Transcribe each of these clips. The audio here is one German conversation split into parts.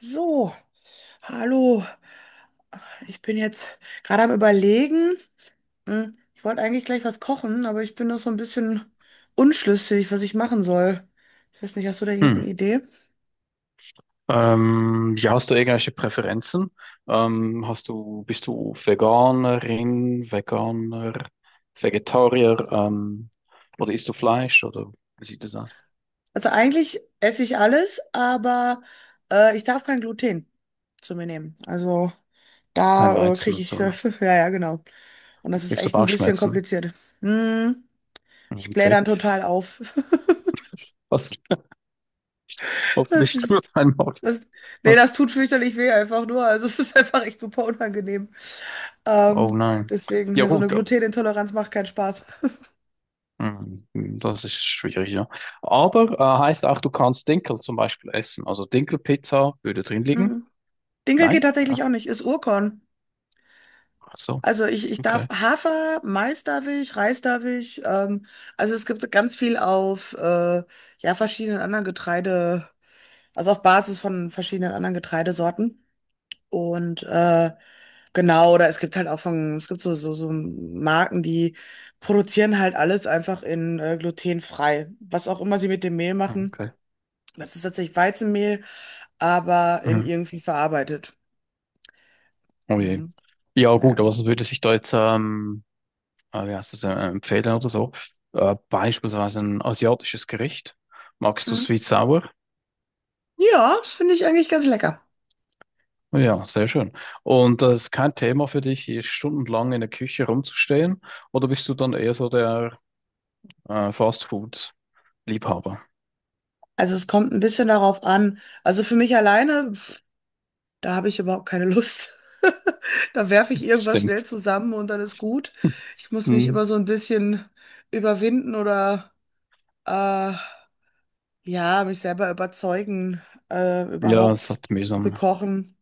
So, hallo. Ich bin jetzt gerade am Überlegen. Ich wollte eigentlich gleich was kochen, aber ich bin noch so ein bisschen unschlüssig, was ich machen soll. Ich weiß nicht, hast du da irgendeine Hm. Idee? Ja, hast du irgendwelche Präferenzen? Hast du, bist du Veganerin, Veganer, Vegetarier, oder isst du Fleisch oder wie sieht das aus? Also eigentlich esse ich alles, aber ich darf kein Gluten zu mir nehmen. Also Kein da Weizen kriege und ich, so, ja, ne? ja, genau. Und das ist Kriegst du echt ein bisschen Bauchschmerzen? kompliziert. Hm, Hm, ich blähe okay. dann total auf. Was Das hoffentlich nur ist, dein Magen. das, nee, das tut fürchterlich weh einfach nur. Also es ist einfach echt super unangenehm. Oh Ähm, nein. deswegen, Ja ja, so eine gut, Glutenintoleranz macht keinen Spaß. hm, das ist schwierig, ja. Aber heißt auch, du kannst Dinkel zum Beispiel essen. Also Dinkelpizza würde drin liegen? Mhm. Dinkel geht Nein? tatsächlich Ach, auch nicht, ist Urkorn. ach so, Also ich darf okay. Hafer, Mais darf ich, Reis darf ich. Also es gibt ganz viel auf ja, verschiedenen anderen Getreide, also auf Basis von verschiedenen anderen Getreidesorten. Und genau, oder es gibt halt auch von, es gibt so Marken, die produzieren halt alles einfach in glutenfrei. Was auch immer sie mit dem Mehl Hm, machen, okay. das ist tatsächlich Weizenmehl, aber in Mhm. irgendwie verarbeitet. Oh je. Mhm. Ja, gut, Ja. aber so würde sich da jetzt, wie heißt das, empfehlen oder so? Beispielsweise ein asiatisches Gericht. Magst du Mhm. Sweet Sour? Ja, das finde ich eigentlich ganz lecker. Ja, sehr schön. Und ist kein Thema für dich, hier stundenlang in der Küche rumzustehen? Oder bist du dann eher so der Fast-Food-Liebhaber? Also es kommt ein bisschen darauf an. Also für mich alleine, pf, da habe ich überhaupt keine Lust. Da werfe ich irgendwas schnell Stimmt. zusammen und dann ist gut. Ich muss mich Hm. immer so ein bisschen überwinden oder Äh, ja, mich selber überzeugen, Ja, es überhaupt hat zu mühsam. kochen.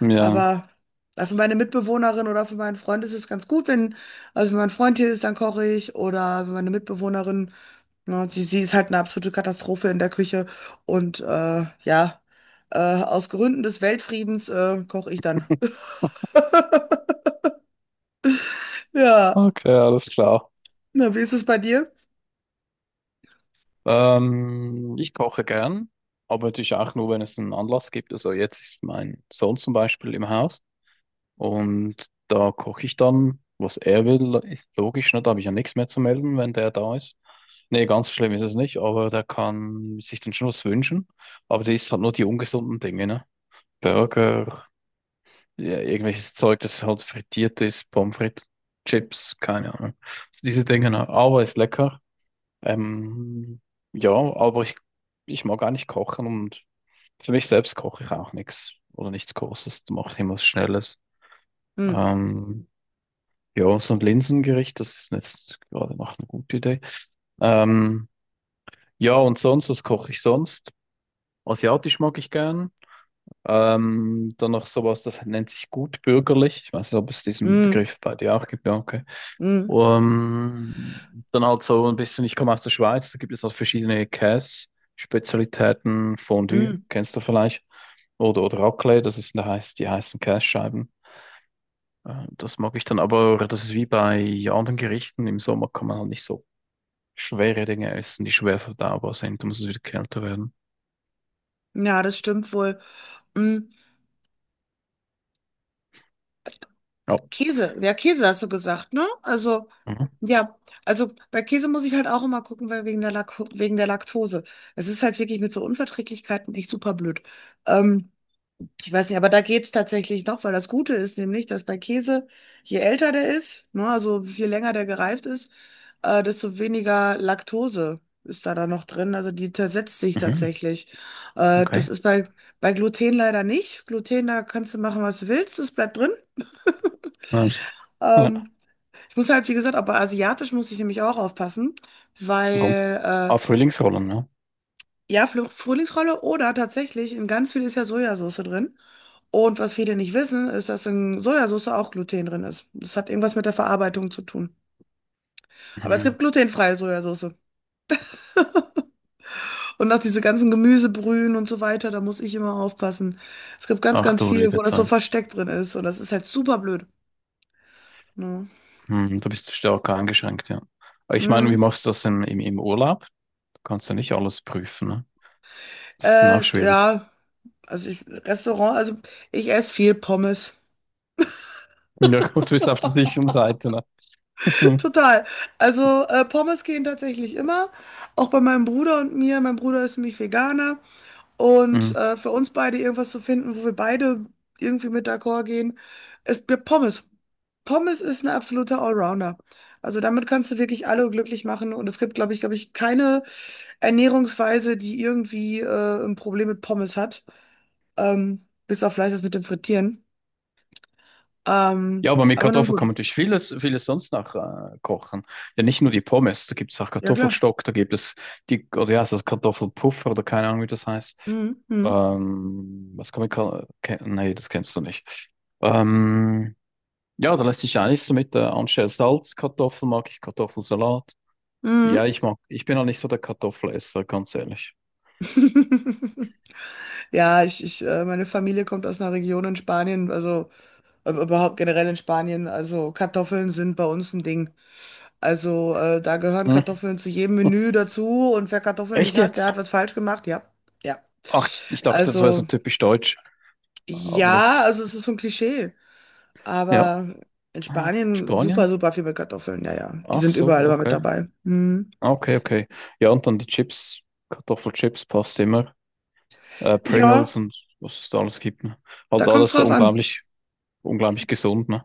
Ja. Aber für meine Mitbewohnerin oder für meinen Freund ist es ganz gut, wenn, also wenn mein Freund hier ist, dann koche ich. Oder wenn meine Mitbewohnerin, ne, sie ist halt eine absolute Katastrophe in der Küche. Und ja, aus Gründen des Weltfriedens koche ich dann. Ja, Okay, alles klar. na, wie ist es bei dir? Ich koche gern, aber natürlich auch nur, wenn es einen Anlass gibt. Also jetzt ist mein Sohn zum Beispiel im Haus und da koche ich dann, was er will. Ist logisch, ne? Da habe ich ja nichts mehr zu melden, wenn der da ist. Nee, ganz so schlimm ist es nicht, aber der kann sich dann schon was wünschen. Aber der isst halt nur die ungesunden Dinge, ne? Burger, ja, irgendwelches Zeug, das halt frittiert ist, Pommes frites, Chips, keine Ahnung. Also diese Dinge, ne? Aber ist lecker. Ähm, ja, aber ich mag eigentlich kochen und für mich selbst koche ich auch nichts oder nichts Großes. Da mache ich immer was Schnelles. Hm, Ähm, ja, so ein Linsengericht, das ist jetzt gerade noch eine gute Idee. Ähm, ja, und sonst, was koche ich sonst? Asiatisch mag ich gern. Dann noch sowas, das nennt sich gutbürgerlich. Ich weiß nicht, ob es diesen hm, Begriff bei dir auch gibt. Ja, okay. hm, Dann halt so ein bisschen, ich komme aus der Schweiz, da gibt es halt verschiedene Käse-Spezialitäten, Fondue, hm. kennst du vielleicht, oder Raclette, das ist, heißt, die heißen Kässcheiben. Das mag ich dann, aber das ist wie bei anderen Gerichten, im Sommer kann man halt nicht so schwere Dinge essen, die schwer verdaubar sind, da muss es wieder kälter werden. Ja, das stimmt wohl. Hm. Ja, Käse, ja, Käse hast du gesagt, ne? Also, mhm. ja, also bei Käse muss ich halt auch immer gucken, weil wegen der Lak wegen der Laktose. Es ist halt wirklich mit so Unverträglichkeiten echt super blöd. Ähm, ich weiß nicht, aber da geht's tatsächlich noch, weil das Gute ist nämlich, dass bei Käse, je älter der ist, ne, also je länger der gereift ist, desto weniger Laktose ist da dann noch drin. Also die zersetzt sich Mhm. tatsächlich. Äh, Okay. das ist bei, bei Gluten leider nicht. Gluten, da kannst du machen, was du willst, es bleibt drin. Ja. Ja. Ähm, ich muss halt, wie gesagt, auch bei Asiatisch muss ich nämlich auch aufpassen, Warum? weil, Ah, äh, Frühlingsrollen, ne? ja, Frühlingsrolle oder tatsächlich, in ganz viel ist ja Sojasauce drin. Und was viele nicht wissen, ist, dass in Sojasauce auch Gluten drin ist. Das hat irgendwas mit der Verarbeitung zu tun. Aber es Mhm. gibt glutenfreie Sojasauce. Und auch diese ganzen Gemüsebrühen und so weiter, da muss ich immer aufpassen. Es gibt Ach ganz du viel, wo liebe das so Zeit. versteckt drin ist. Und das ist halt super blöd. Ja. Hm, da bist du stärker eingeschränkt, ja. Aber ich meine, wie Mm. machst du das im Urlaub? Du kannst ja nicht alles prüfen, ne? Das ist dann auch schwierig. Ja, Restaurant, also ich esse viel Pommes. Ja, gut, du bist auf der sicheren Seite, ne? Total. Also Pommes gehen tatsächlich immer, auch bei meinem Bruder und mir. Mein Bruder ist nämlich Veganer und Mhm. Für uns beide irgendwas zu finden, wo wir beide irgendwie mit d'accord gehen, ist mir Pommes. Pommes ist ein absoluter Allrounder. Also damit kannst du wirklich alle glücklich machen und es gibt, glaube ich, keine Ernährungsweise, die irgendwie ein Problem mit Pommes hat, bis auf vielleicht das mit dem Frittieren. Ja, aber mit Aber nun Kartoffeln kann gut. man natürlich vieles, vieles sonst noch kochen. Ja, nicht nur die Pommes, da gibt es auch Ja, klar. Kartoffelstock, da gibt es die, oder ja, das Kartoffelpuffer oder keine Ahnung, wie das heißt. Mhm. Mhm. Was kann man, nee, das kennst du nicht. Ähm, ja, da lässt sich eigentlich so mit anstelle Salz, Kartoffeln mag ich Kartoffelsalat. Ja, Mhm. Ich bin auch nicht so der Kartoffelesser, ganz ehrlich. Ja, meine Familie kommt aus einer Region in Spanien, also überhaupt generell in Spanien. Also Kartoffeln sind bei uns ein Ding. Also da gehören Hm. Kartoffeln zu jedem Menü dazu und wer Kartoffeln Echt nicht hat, der jetzt? hat was falsch gemacht. Ja, ja. Ach, ich dachte, das wäre so Also typisch deutsch. Aber das ja, ist, also es ist so ein Klischee, ja. aber in Ah, Spanien super, Spanien? super viel mit Kartoffeln. Ja, ja, die Ach sind so, überall immer mit okay. dabei. Hm. Ah, okay, okay. Ja, und dann die Chips. Kartoffelchips passt immer. Pringles Ja, und was es da alles gibt. Ne? da Halt kommt's alles so drauf an. unglaublich, unglaublich gesund, ne?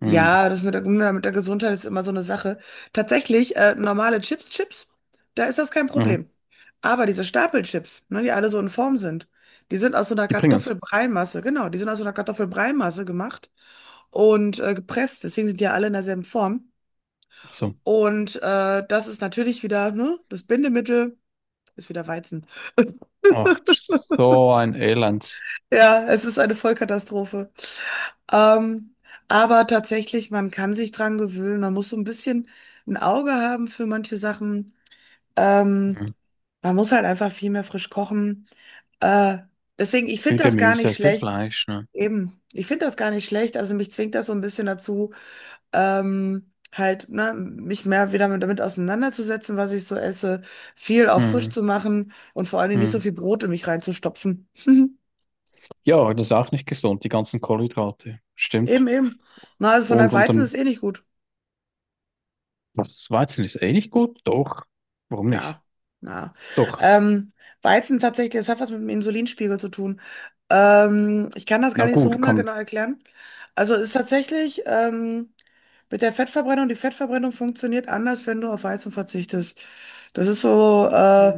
Hm. Ja, das mit mit der Gesundheit ist immer so eine Sache. Tatsächlich, normale Chips, da ist das kein Mhm. Problem. Aber diese Stapelchips, ne, die alle so in Form sind, die sind aus so einer Die Pringles. Kartoffelbreimasse, genau, die sind aus so einer Kartoffelbreimasse gemacht und gepresst. Deswegen sind die ja alle in derselben Form. So. Und das ist natürlich wieder, ne, das Bindemittel ist wieder Weizen. Ach, so ein Elend. Ja, es ist eine Vollkatastrophe. Ähm, aber tatsächlich, man kann sich dran gewöhnen. Man muss so ein bisschen ein Auge haben für manche Sachen. Ähm, Hm. man muss halt einfach viel mehr frisch kochen. Äh, deswegen, ich Viel finde das gar Gemüse, nicht viel schlecht. Fleisch, ne? Eben, ich finde das gar nicht schlecht. Also mich zwingt das so ein bisschen dazu, halt, ne, mich mehr wieder mit, damit auseinanderzusetzen, was ich so esse, viel auch frisch Mhm. zu machen und vor allen Dingen nicht so Mhm. viel Brot in mich reinzustopfen. Ja, das ist auch nicht gesund, die ganzen Kohlenhydrate. Eben, Stimmt. eben. Na, also von der Weizen Dann, ist eh nicht gut. das Weizen ist eh nicht gut? Doch. Warum nicht? Na, na. Doch. Ähm, Weizen tatsächlich, das hat was mit dem Insulinspiegel zu tun. Ich kann das gar Na nicht so gut, kann, hundertgenau erklären. Also ist tatsächlich mit der Fettverbrennung, die Fettverbrennung funktioniert anders, wenn du auf Weizen verzichtest. Das ist so,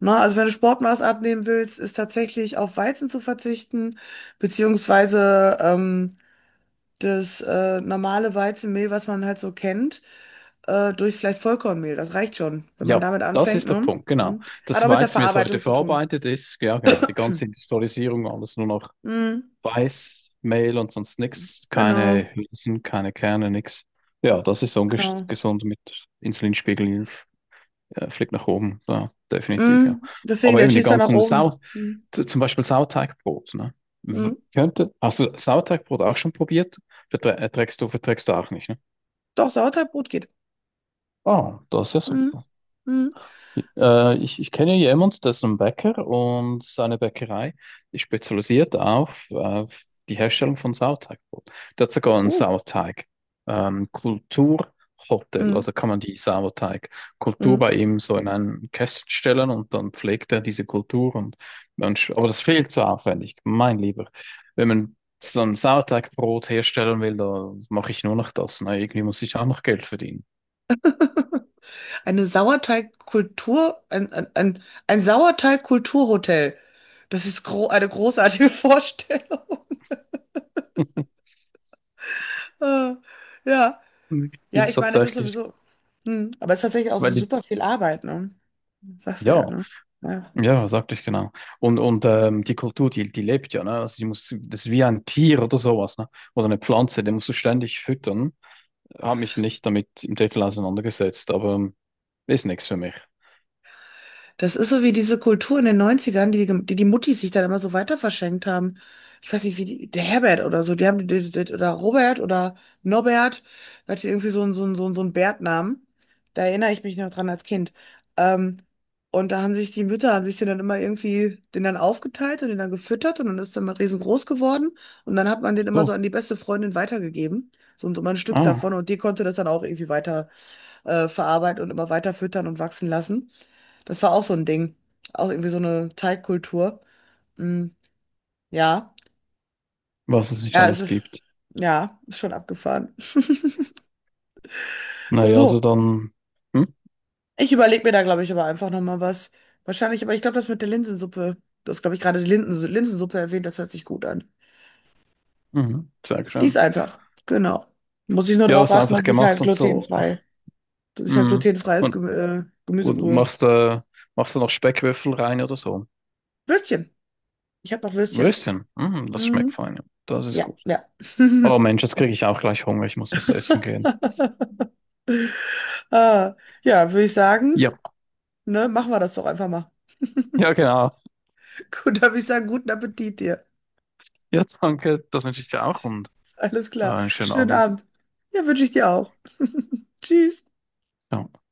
na, also wenn du Sportmaß abnehmen willst, ist tatsächlich auf Weizen zu verzichten, beziehungsweise das normale Weizenmehl, was man halt so kennt, durch vielleicht Vollkornmehl. Das reicht schon, wenn man ja, damit das anfängt, ist der ne? Punkt, genau. Hm. Hat Das auch mit der Weizen, wie es heute Verarbeitung zu tun. verarbeitet ist, ja, genau, die ganze Industrialisierung, alles nur noch Hm, Weiß, Mehl und sonst nichts, genau, keine Hülsen, keine Kerne, nichts. Ja, das ist genau. ungesund mit Insulinspiegel fliegt nach oben, klar, definitiv, ja. Hm, deswegen, Aber der eben die schießt dann nach ganzen oben. Sau, Hm, zum Beispiel Sauerteigbrot, ne? Hm. Könnte, hast du Sauerteigbrot auch schon probiert? Verträgst du auch nicht, ne? Doch, Sauerteigbrot geht. Ah, das ist ja Hm, super. hm. Ich kenne jemanden, der ist ein Bäcker und seine Bäckerei ist spezialisiert auf die Herstellung von Sauerteigbrot. Der hat sogar ein Oh. Sauerteig, Kulturhotel, Hm, also kann man die Sauerteigkultur bei hm. ihm so in einen Kästchen stellen und dann pflegt er diese Kultur und man, aber das ist viel zu aufwendig, mein Lieber. Wenn man so ein Sauerteigbrot herstellen will, da mache ich nur noch das. Na, irgendwie muss ich auch noch Geld verdienen. Eine Sauerteigkultur, ein Sauerteigkulturhotel. Das ist gro eine großartige Vorstellung. Äh, ja. Ja, Gibt's ich meine, es ist tatsächlich, sowieso, hm, aber es ist tatsächlich auch so weil die, super viel Arbeit, ne? Das sagst du ja, ja. ne? Ja. Ja, sagte ich genau. Und die Kultur, die lebt ja, ne? Also die muss, das ist wie ein Tier oder sowas, ne? Oder eine Pflanze, den musst du ständig füttern. Habe mich nicht damit im Detail auseinandergesetzt, aber ist nichts für mich. Das ist so wie diese Kultur in den Neunzigern, die die Muttis sich dann immer so weiter verschenkt haben. Ich weiß nicht, wie die, der Herbert oder so, die haben, oder Robert oder Norbert, der hatte irgendwie so einen Bärtnamen. Da erinnere ich mich noch dran als Kind. Ähm, und da haben sich die Mütter, haben sich den dann immer irgendwie, den dann aufgeteilt und den dann gefüttert und dann ist dann mal riesengroß geworden. Und dann hat man Ach den immer so so. an die beste Freundin weitergegeben. So, und so mal ein Stück davon Ah, und die konnte das dann auch irgendwie verarbeiten und immer weiter füttern und wachsen lassen. Das war auch so ein Ding. Auch irgendwie so eine Teigkultur. Mm, ja. was es nicht Ja, es alles ist, gibt. ja, ist schon abgefahren. Naja, So, also dann. Hm? ich überlege mir da, glaube ich, aber einfach nochmal was. Wahrscheinlich, aber ich glaube, das mit der Linsensuppe, du hast, glaube ich, gerade die Linsensuppe erwähnt, das hört sich gut an. Mhm, sehr Die ist schön. einfach, genau. Muss ich nur Ja, darauf was achten, einfach dass ich gemacht halt und so. glutenfrei, dass ich halt Mhm. glutenfreies Und, und Gemüsebrühe. machst, machst du noch Speckwürfel rein oder so. Würstchen. Ich habe noch Würstchen. Würstchen. Mhm, das Mm, schmeckt fein. Ja. Das ist ja, gut. ja. Oh Mensch, jetzt kriege ich auch gleich Hunger. Ich muss was essen gehen. Ah, ja, würde ich sagen, Ja, ne, machen wir das doch einfach mal. ja, genau. Gut, da würde ich sagen, guten Appetit dir. Ja, danke. Das wünsche ich dir auch und Alles klar. einen schönen Schönen Abend. Abend. Ja, wünsche ich dir auch. Tschüss. Ja.